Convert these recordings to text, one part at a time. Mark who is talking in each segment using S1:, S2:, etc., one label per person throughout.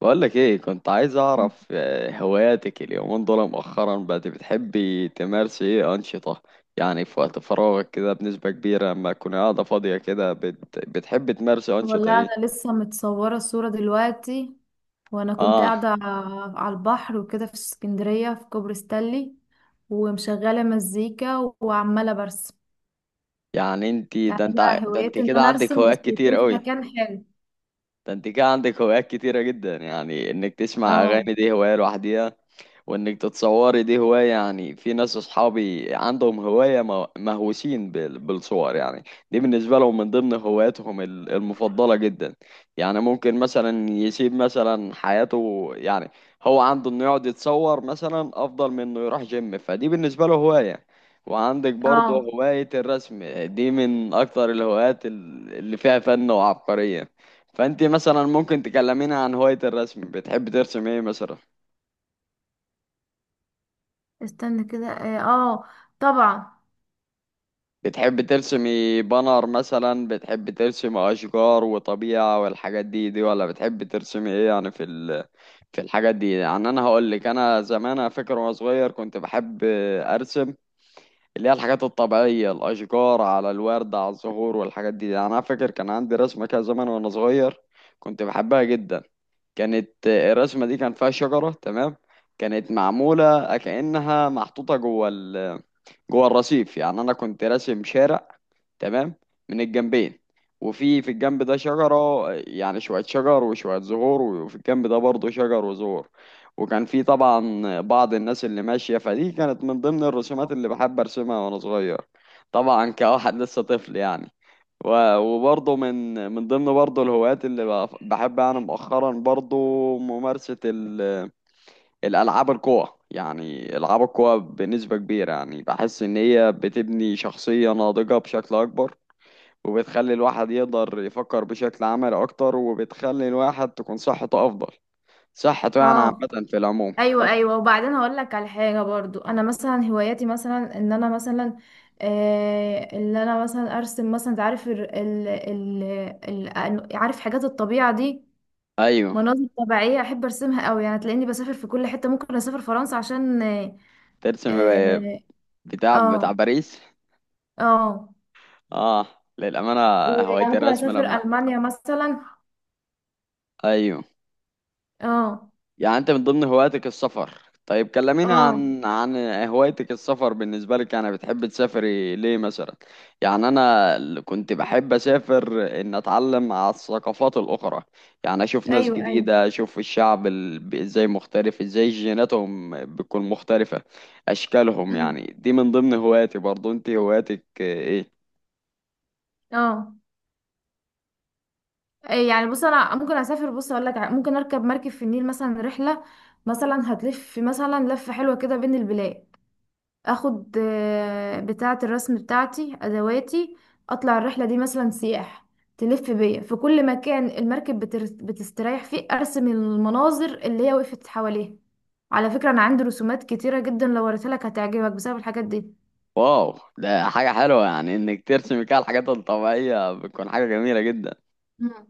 S1: بقولك ايه كنت عايز اعرف هواياتك اليومين دول مؤخرا بقت بتحبي تمارسي ايه انشطة، يعني في وقت فراغك كده بنسبة كبيرة لما تكوني قاعدة فاضية كده بتحبي تمارسي انشطة
S2: والله
S1: ايه؟
S2: انا لسه متصوره الصوره دلوقتي، وانا كنت
S1: اه.
S2: قاعده على البحر وكده في اسكندريه، في كوبري ستانلي، ومشغله مزيكا وعماله برسم.
S1: يعني انتي
S2: يعني انا
S1: ده انت
S2: هوايتي ان
S1: كده
S2: انا
S1: عندك
S2: ارسم بس
S1: هوايات كتير
S2: يكون في
S1: قوي.
S2: مكان حلو.
S1: ده انت كده عندك هوايات كتيرة جدا، يعني انك تسمع اغاني
S2: اه،
S1: دي هواية لوحديها، وانك تتصوري دي هواية. يعني في ناس اصحابي عندهم هواية مهووسين بالصور يعني، دي بالنسبة لهم من ضمن هواياتهم المفضلة جدا. يعني ممكن مثلا يسيب مثلا حياته، يعني هو عنده انه يقعد يتصور مثلا افضل من انه يروح جيم، فدي بالنسبة له هواية. وعندك برضه
S2: اه،
S1: هواية الرسم دي من اكتر الهوايات اللي فيها فن وعبقرية. فانت مثلا ممكن تكلمينا عن هواية الرسم، بتحب ترسم ايه مثلا؟
S2: استنى كده. طبعا.
S1: بتحب ترسمي بانر مثلا، بتحب ترسمي اشجار وطبيعة والحاجات دي ولا بتحب ترسمي ايه؟ يعني في الحاجات دي. يعني انا هقول لك، انا زمان انا فاكر وانا صغير كنت بحب ارسم اللي هي الحاجات الطبيعية، الاشجار على الورد على الزهور والحاجات دي. يعني انا فاكر كان عندي رسمة كده زمان وانا صغير كنت بحبها جدا. كانت الرسمة دي كان فيها شجرة. تمام. كانت معمولة كأنها محطوطة جوه الرصيف. يعني انا كنت راسم شارع. تمام. من الجنبين. وفي الجنب ده شجرة، يعني شوية شجر وشوية زهور، وفي الجنب ده برضه شجر وزهور. وكان في طبعا بعض الناس اللي ماشية، فدي كانت من ضمن الرسومات اللي بحب أرسمها وأنا صغير، طبعا كواحد لسه طفل يعني. وبرضه من ضمن برضه الهوايات اللي بحب أنا مؤخرا برضه ممارسة الألعاب القوى. يعني ألعاب القوى بنسبة كبيرة، يعني بحس إن هي بتبني شخصية ناضجة بشكل أكبر، وبتخلي الواحد يقدر يفكر بشكل عملي أكتر، وبتخلي الواحد تكون صحته أفضل صحته، يعني
S2: اه،
S1: عامة في العموم
S2: ايوه، ايوه، وبعدين هقول لك على حاجه. برضو انا مثلا هواياتي مثلا ان انا مثلا ارسم مثلا. انت عارف، عارف حاجات الطبيعه دي.
S1: أيوه.
S2: مناظر طبيعيه احب ارسمها قوي، يعني تلاقيني بسافر في كل حته، ممكن اسافر فرنسا عشان
S1: ترسم
S2: اه
S1: بتاع
S2: اه,
S1: باريس.
S2: آه
S1: آه. للأمانة. هواية
S2: وممكن
S1: الرسم
S2: اسافر
S1: لما.
S2: المانيا مثلا.
S1: أيوه.
S2: اه،
S1: يعني انت من ضمن هواياتك السفر، طيب كلميني
S2: اه،
S1: عن هوايتك السفر بالنسبة لك. يعني بتحب تسافري ليه مثلا؟ يعني انا كنت بحب اسافر ان اتعلم على الثقافات الاخرى، يعني اشوف ناس
S2: ايوه، ايوه،
S1: جديدة، اشوف الشعب ازاي مختلف، ازاي جيناتهم بتكون مختلفة، اشكالهم.
S2: أمم،
S1: يعني دي من ضمن هواياتي برضو. انت هواياتك ايه؟
S2: اه. إيه، يعني بص، انا ممكن اسافر، بص اقول لك، ممكن اركب مركب في النيل مثلا رحله، مثلا هتلف مثلا لفه حلوه كده بين البلاد. اخد بتاعه الرسم بتاعتي، ادواتي، اطلع الرحله دي مثلا سياح، تلف بيا في كل مكان المركب بتستريح فيه، ارسم المناظر اللي هي وقفت حواليها. على فكره انا عندي رسومات كتيره جدا، لو وريتها لك هتعجبك بسبب الحاجات دي.
S1: واو ده حاجة حلوة، يعني انك ترسمي كده الحاجات الطبيعية بتكون حاجة جميلة جدا.
S2: مم.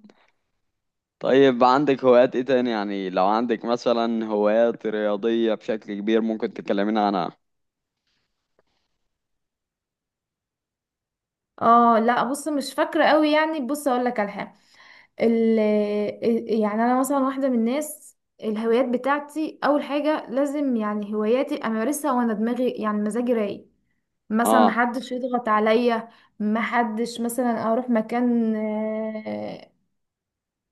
S1: طيب عندك هوايات ايه تاني؟ يعني لو عندك مثلا هوايات رياضية بشكل كبير ممكن تكلمينا عنها.
S2: اه، لا، بص مش فاكره قوي. يعني بص اقول لك على حاجه. ال يعني انا مثلا واحده من الناس. الهوايات بتاعتي اول حاجه لازم، يعني هواياتي امارسها وانا دماغي، يعني مزاجي رايق، مثلا
S1: اه.
S2: محدش يضغط عليا، محدش مثلا اروح مكان، آه،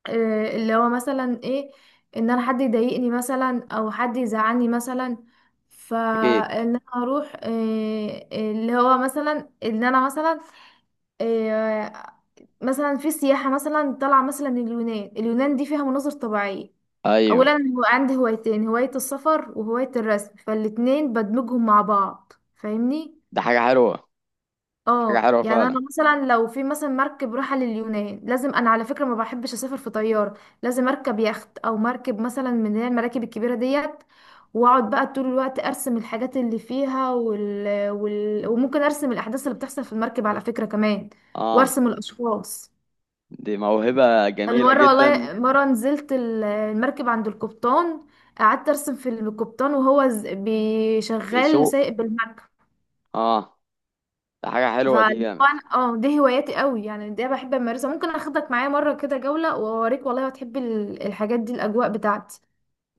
S2: آه، اللي هو مثلا ايه، ان انا حد يضايقني مثلا، او حد يزعلني مثلا.
S1: اكيد.
S2: فان انا اروح اللي هو مثلا ان انا مثلا، آه، مثلا في سياحة مثلا طالعة مثلا من اليونان. اليونان دي فيها مناظر طبيعية.
S1: ايوه.
S2: أولا هو عندي هوايتين، هواية السفر وهواية الرسم، فالاتنين بدمجهم مع بعض، فاهمني؟
S1: ده حاجة حلوة. حاجة
S2: اه،
S1: حلوة
S2: يعني
S1: فعلا.
S2: انا مثلا لو في مثلا مركب رايحة لليونان، لازم انا، على فكرة ما بحبش اسافر في طيارة، لازم اركب يخت او مركب مثلا من اللي هي المراكب الكبيرة ديت. واقعد بقى طول الوقت ارسم الحاجات اللي فيها وممكن ارسم الاحداث اللي بتحصل في المركب على فكرة كمان،
S1: اه.
S2: وارسم الاشخاص.
S1: دي موهبة
S2: انا
S1: جميلة
S2: مره
S1: جدا.
S2: والله مره نزلت المركب عند القبطان. قعدت ارسم في القبطان وهو بيشغل،
S1: بسوق.
S2: سايق بالمركب.
S1: اه. ده حاجة حلوة. دي
S2: فاللي هو
S1: جامد.
S2: انا، دي هواياتي قوي، يعني دي بحب امارسها. ممكن اخدك معايا مره كده جوله واوريك، والله هتحبي الحاجات دي الاجواء بتاعتي.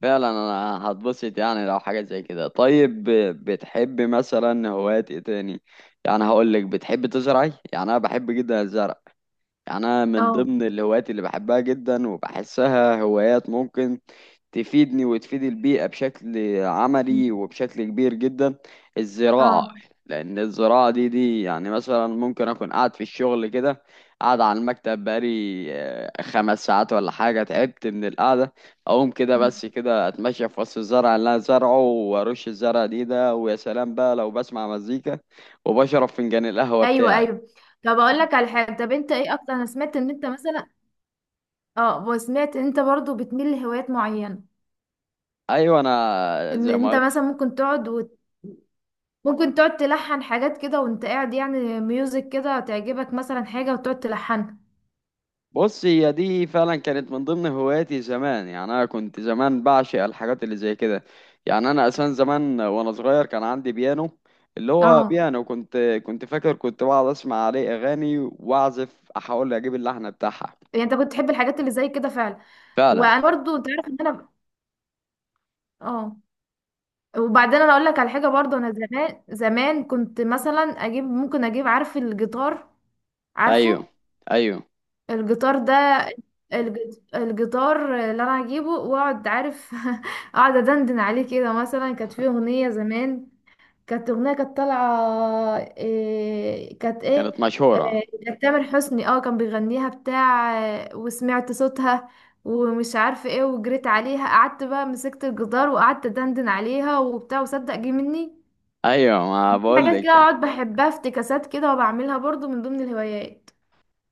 S1: فعلا انا هتبسط يعني لو حاجة زي كده. طيب بتحب مثلا هوايات ايه تاني؟ يعني هقول لك بتحب تزرعي، يعني انا بحب جدا الزرع. انا من
S2: اه.
S1: ضمن الهوايات اللي بحبها جدا وبحسها هوايات ممكن تفيدني وتفيد البيئة بشكل
S2: مم.
S1: عملي وبشكل كبير جدا، الزراعة.
S2: اه.
S1: لأن الزراعة دي يعني مثلا ممكن أكون قاعد في الشغل كده، قاعد على المكتب بقالي 5 ساعات ولا حاجة، تعبت من القعدة. أقوم كده
S2: مم.
S1: بس كده أتمشى في وسط الزرع اللي أنا زارعه وأرش الزرع دي، ويا سلام بقى لو بسمع مزيكا وبشرب فنجان القهوة
S2: ايوه،
S1: بتاعي.
S2: ايوه. طب اقول
S1: يعني
S2: لك على حاجه. طب انت ايه اكتر، انا سمعت ان انت مثلا، اه وسمعت ان انت برضو بتميل لهوايات معينه،
S1: أيوة. أنا
S2: ان
S1: زي
S2: انت
S1: ما.
S2: مثلا ممكن تقعد تلحن حاجات كده وانت قاعد. يعني ميوزك كده تعجبك مثلا حاجة وتقعد تلحنها.
S1: بص هي دي فعلا كانت من ضمن هواياتي زمان، يعني انا كنت زمان بعشق الحاجات اللي زي كده. يعني انا اساسا زمان وانا صغير كان عندي بيانو، اللي هو
S2: اه،
S1: بيانو. كنت فاكر كنت بقعد اسمع عليه اغاني واعزف احاول اجيب اللحن بتاعها.
S2: يعني انت كنت تحب الحاجات اللي زي كده فعلا.
S1: فعلا.
S2: وانا برضو انت عارف ان انا، اه وبعدين انا اقول لك على حاجة. برضو انا زمان زمان كنت مثلا اجيب، ممكن اجيب، عارف، الجيتار.
S1: ايوه.
S2: عارفه
S1: ايوه.
S2: الجيتار ده؟ الجيتار اللي انا هجيبه واقعد، عارف، اقعد ادندن عليه كده مثلا. كانت فيه اغنية زمان. كانت أغنية كانت طالعة إيه، كانت إيه
S1: كانت مشهورة.
S2: إيه، كانت تامر حسني، كان بيغنيها بتاع وسمعت صوتها. ومش عارفة ايه. وجريت عليها قعدت بقى مسكت الجدار وقعدت دندن عليها وبتاع، وصدق جه مني.
S1: ايوه ما
S2: في حاجات كده
S1: بقولك يعني.
S2: اقعد بحبها افتكاسات كده، وبعملها برضو من ضمن الهوايات.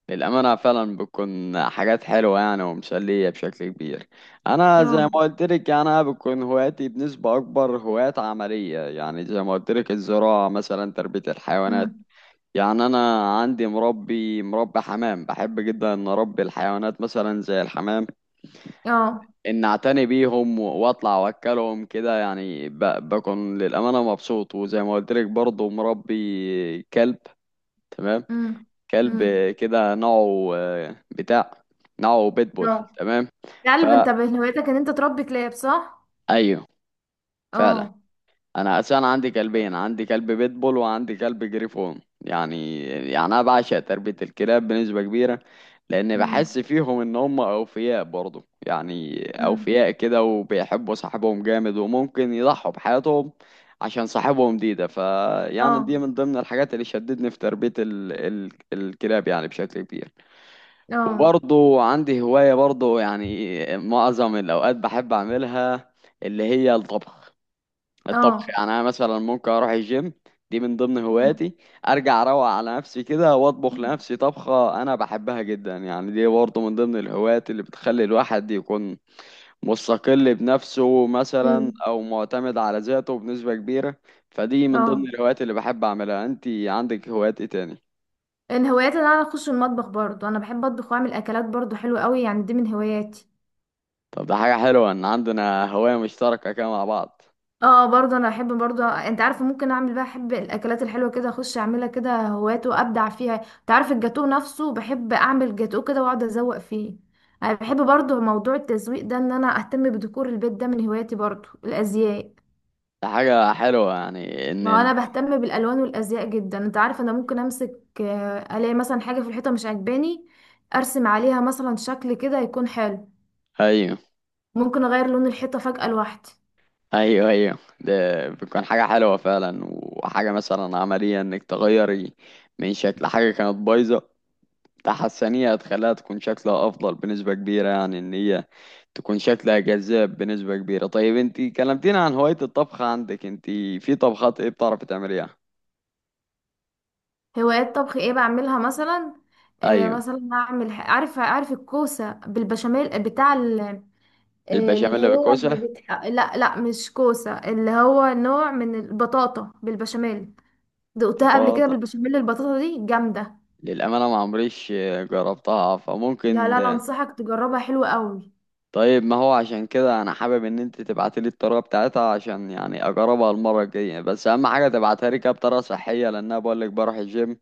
S1: للأمانة فعلا بتكون حاجات حلوة، يعني ومسلية بشكل كبير. أنا زي ما
S2: اه.
S1: قلت لك أنا بتكون هواياتي بنسبة أكبر هوايات عملية، يعني زي ما قلت لك الزراعة مثلا، تربية الحيوانات.
S2: امم.
S1: يعني أنا عندي مربي حمام، بحب جدا إن أربي الحيوانات مثلا زي الحمام،
S2: اه.
S1: إن أعتني بيهم وأطلع وأكلهم كده، يعني بكون للأمانة مبسوط. وزي ما قلت لك برضه مربي كلب. تمام.
S2: امم.
S1: كلب.
S2: امم.
S1: كده نوعه بتاع. نوعه بيتبول.
S2: اه.
S1: تمام.
S2: يا قلب، انت
S1: فا
S2: من هوايتك ان انت تربي كلاب، صح؟
S1: ايوه. فعلا.
S2: اه.
S1: انا اساسا عندي كلبين، عندي كلب بيتبول وعندي كلب جريفون. يعني انا بعشق تربية الكلاب بنسبة كبيرة، لان بحس
S2: امم.
S1: فيهم ان هم اوفياء برضه، يعني
S2: امم.
S1: اوفياء كده، وبيحبوا صاحبهم جامد وممكن يضحوا بحياتهم عشان صاحبهم. دي
S2: اه.
S1: فيعني دي من ضمن الحاجات اللي شدتني في تربية الكلاب، يعني بشكل كبير.
S2: اه.
S1: وبرضه عندي هواية برضه، يعني معظم الأوقات بحب أعملها اللي هي الطبخ. الطبخ،
S2: اه.
S1: يعني أنا مثلا ممكن أروح الجيم، دي من ضمن
S2: مم.
S1: هواياتي، أرجع أروق على نفسي كده وأطبخ لنفسي طبخة أنا بحبها جدا. يعني دي برضه من ضمن الهوايات اللي بتخلي الواحد يكون مستقل بنفسه مثلا
S2: مم.
S1: أو معتمد على ذاته بنسبة كبيرة. فدي من ضمن
S2: اه.
S1: الهوايات اللي بحب أعملها. أنتي عندك هوايات إيه تاني؟
S2: من هواياتي ان انا اخش المطبخ، برضو انا بحب اطبخ واعمل اكلات برضو حلوه قوي، يعني دي من هواياتي.
S1: طب ده حاجة حلوة إن عندنا هواية مشتركة كده مع بعض.
S2: اه، برضو انا بحب. برضو انت عارفه، ممكن اعمل بقى، احب الاكلات الحلوه كده اخش اعملها كده هوايات وابدع فيها. انت عارف الجاتو نفسه، بحب اعمل جاتو كده واقعد ازوق فيه. انا بحب برضو موضوع التزويق ده، ان انا اهتم بديكور البيت، ده من هواياتي. برضو الازياء،
S1: ده حاجة حلوة يعني
S2: ما هو انا بهتم بالالوان والازياء جدا. انت عارف انا ممكن امسك، الاقي مثلا حاجه في الحيطه مش عاجباني، ارسم عليها مثلا شكل كده يكون حلو.
S1: ايوه.
S2: ممكن اغير لون الحيطه فجاه لوحدي.
S1: ايوه. ايوه. ده بتكون حاجة حلوة فعلا، وحاجة مثلا عملية انك تغيري من شكل حاجة كانت بايظة، تحسنيها هتخليها تكون شكلها افضل بنسبة كبيرة، يعني ان هي تكون شكلها جذاب بنسبة كبيرة. طيب انتي كلمتينا عن هواية الطبخ، عندك انتي في طبخات ايه بتعرفي تعمليها؟
S2: هوايات طبخ ايه بعملها مثلا؟
S1: ايوه.
S2: مثلا اعمل، عارف الكوسه بالبشاميل، آه، بتاع ال- آه، اللي
S1: البشاميل
S2: هو اللي
S1: بالكوسة.
S2: بتح... لا، لا، مش كوسه، اللي هو نوع من البطاطا بالبشاميل. دقتها قبل كده
S1: بطاطا.
S2: بالبشاميل، البطاطا دي جامده.
S1: للأمانة ما عمريش جربتها
S2: لا،
S1: فممكن.
S2: لا، لا، انصحك تجربها حلوه قوي.
S1: طيب ما هو عشان كده انا حابب ان انت تبعتي لي الطريقه بتاعتها عشان يعني اجربها المره الجايه. بس اهم حاجه تبعتها لي كده بطريقه صحيه، لان انا بقول لك بروح الجيم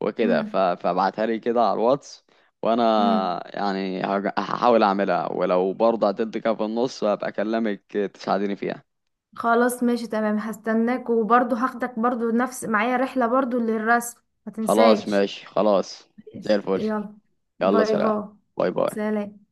S1: وكده. فابعتها لي كده على الواتس،
S2: امم.
S1: وانا يعني هحاول اعملها. ولو برضه هتدي كده في النص هبقى اكلمك تساعديني فيها.
S2: خلاص، ماشي تمام، هستناك. وبرضو هاخدك برضو نفس معايا رحلة، برضو للرسم. ما
S1: خلاص
S2: تنساش.
S1: ماشي. خلاص. زي الفل.
S2: يلا،
S1: يلا
S2: باي
S1: سلام.
S2: باي.
S1: باي باي.
S2: سلام.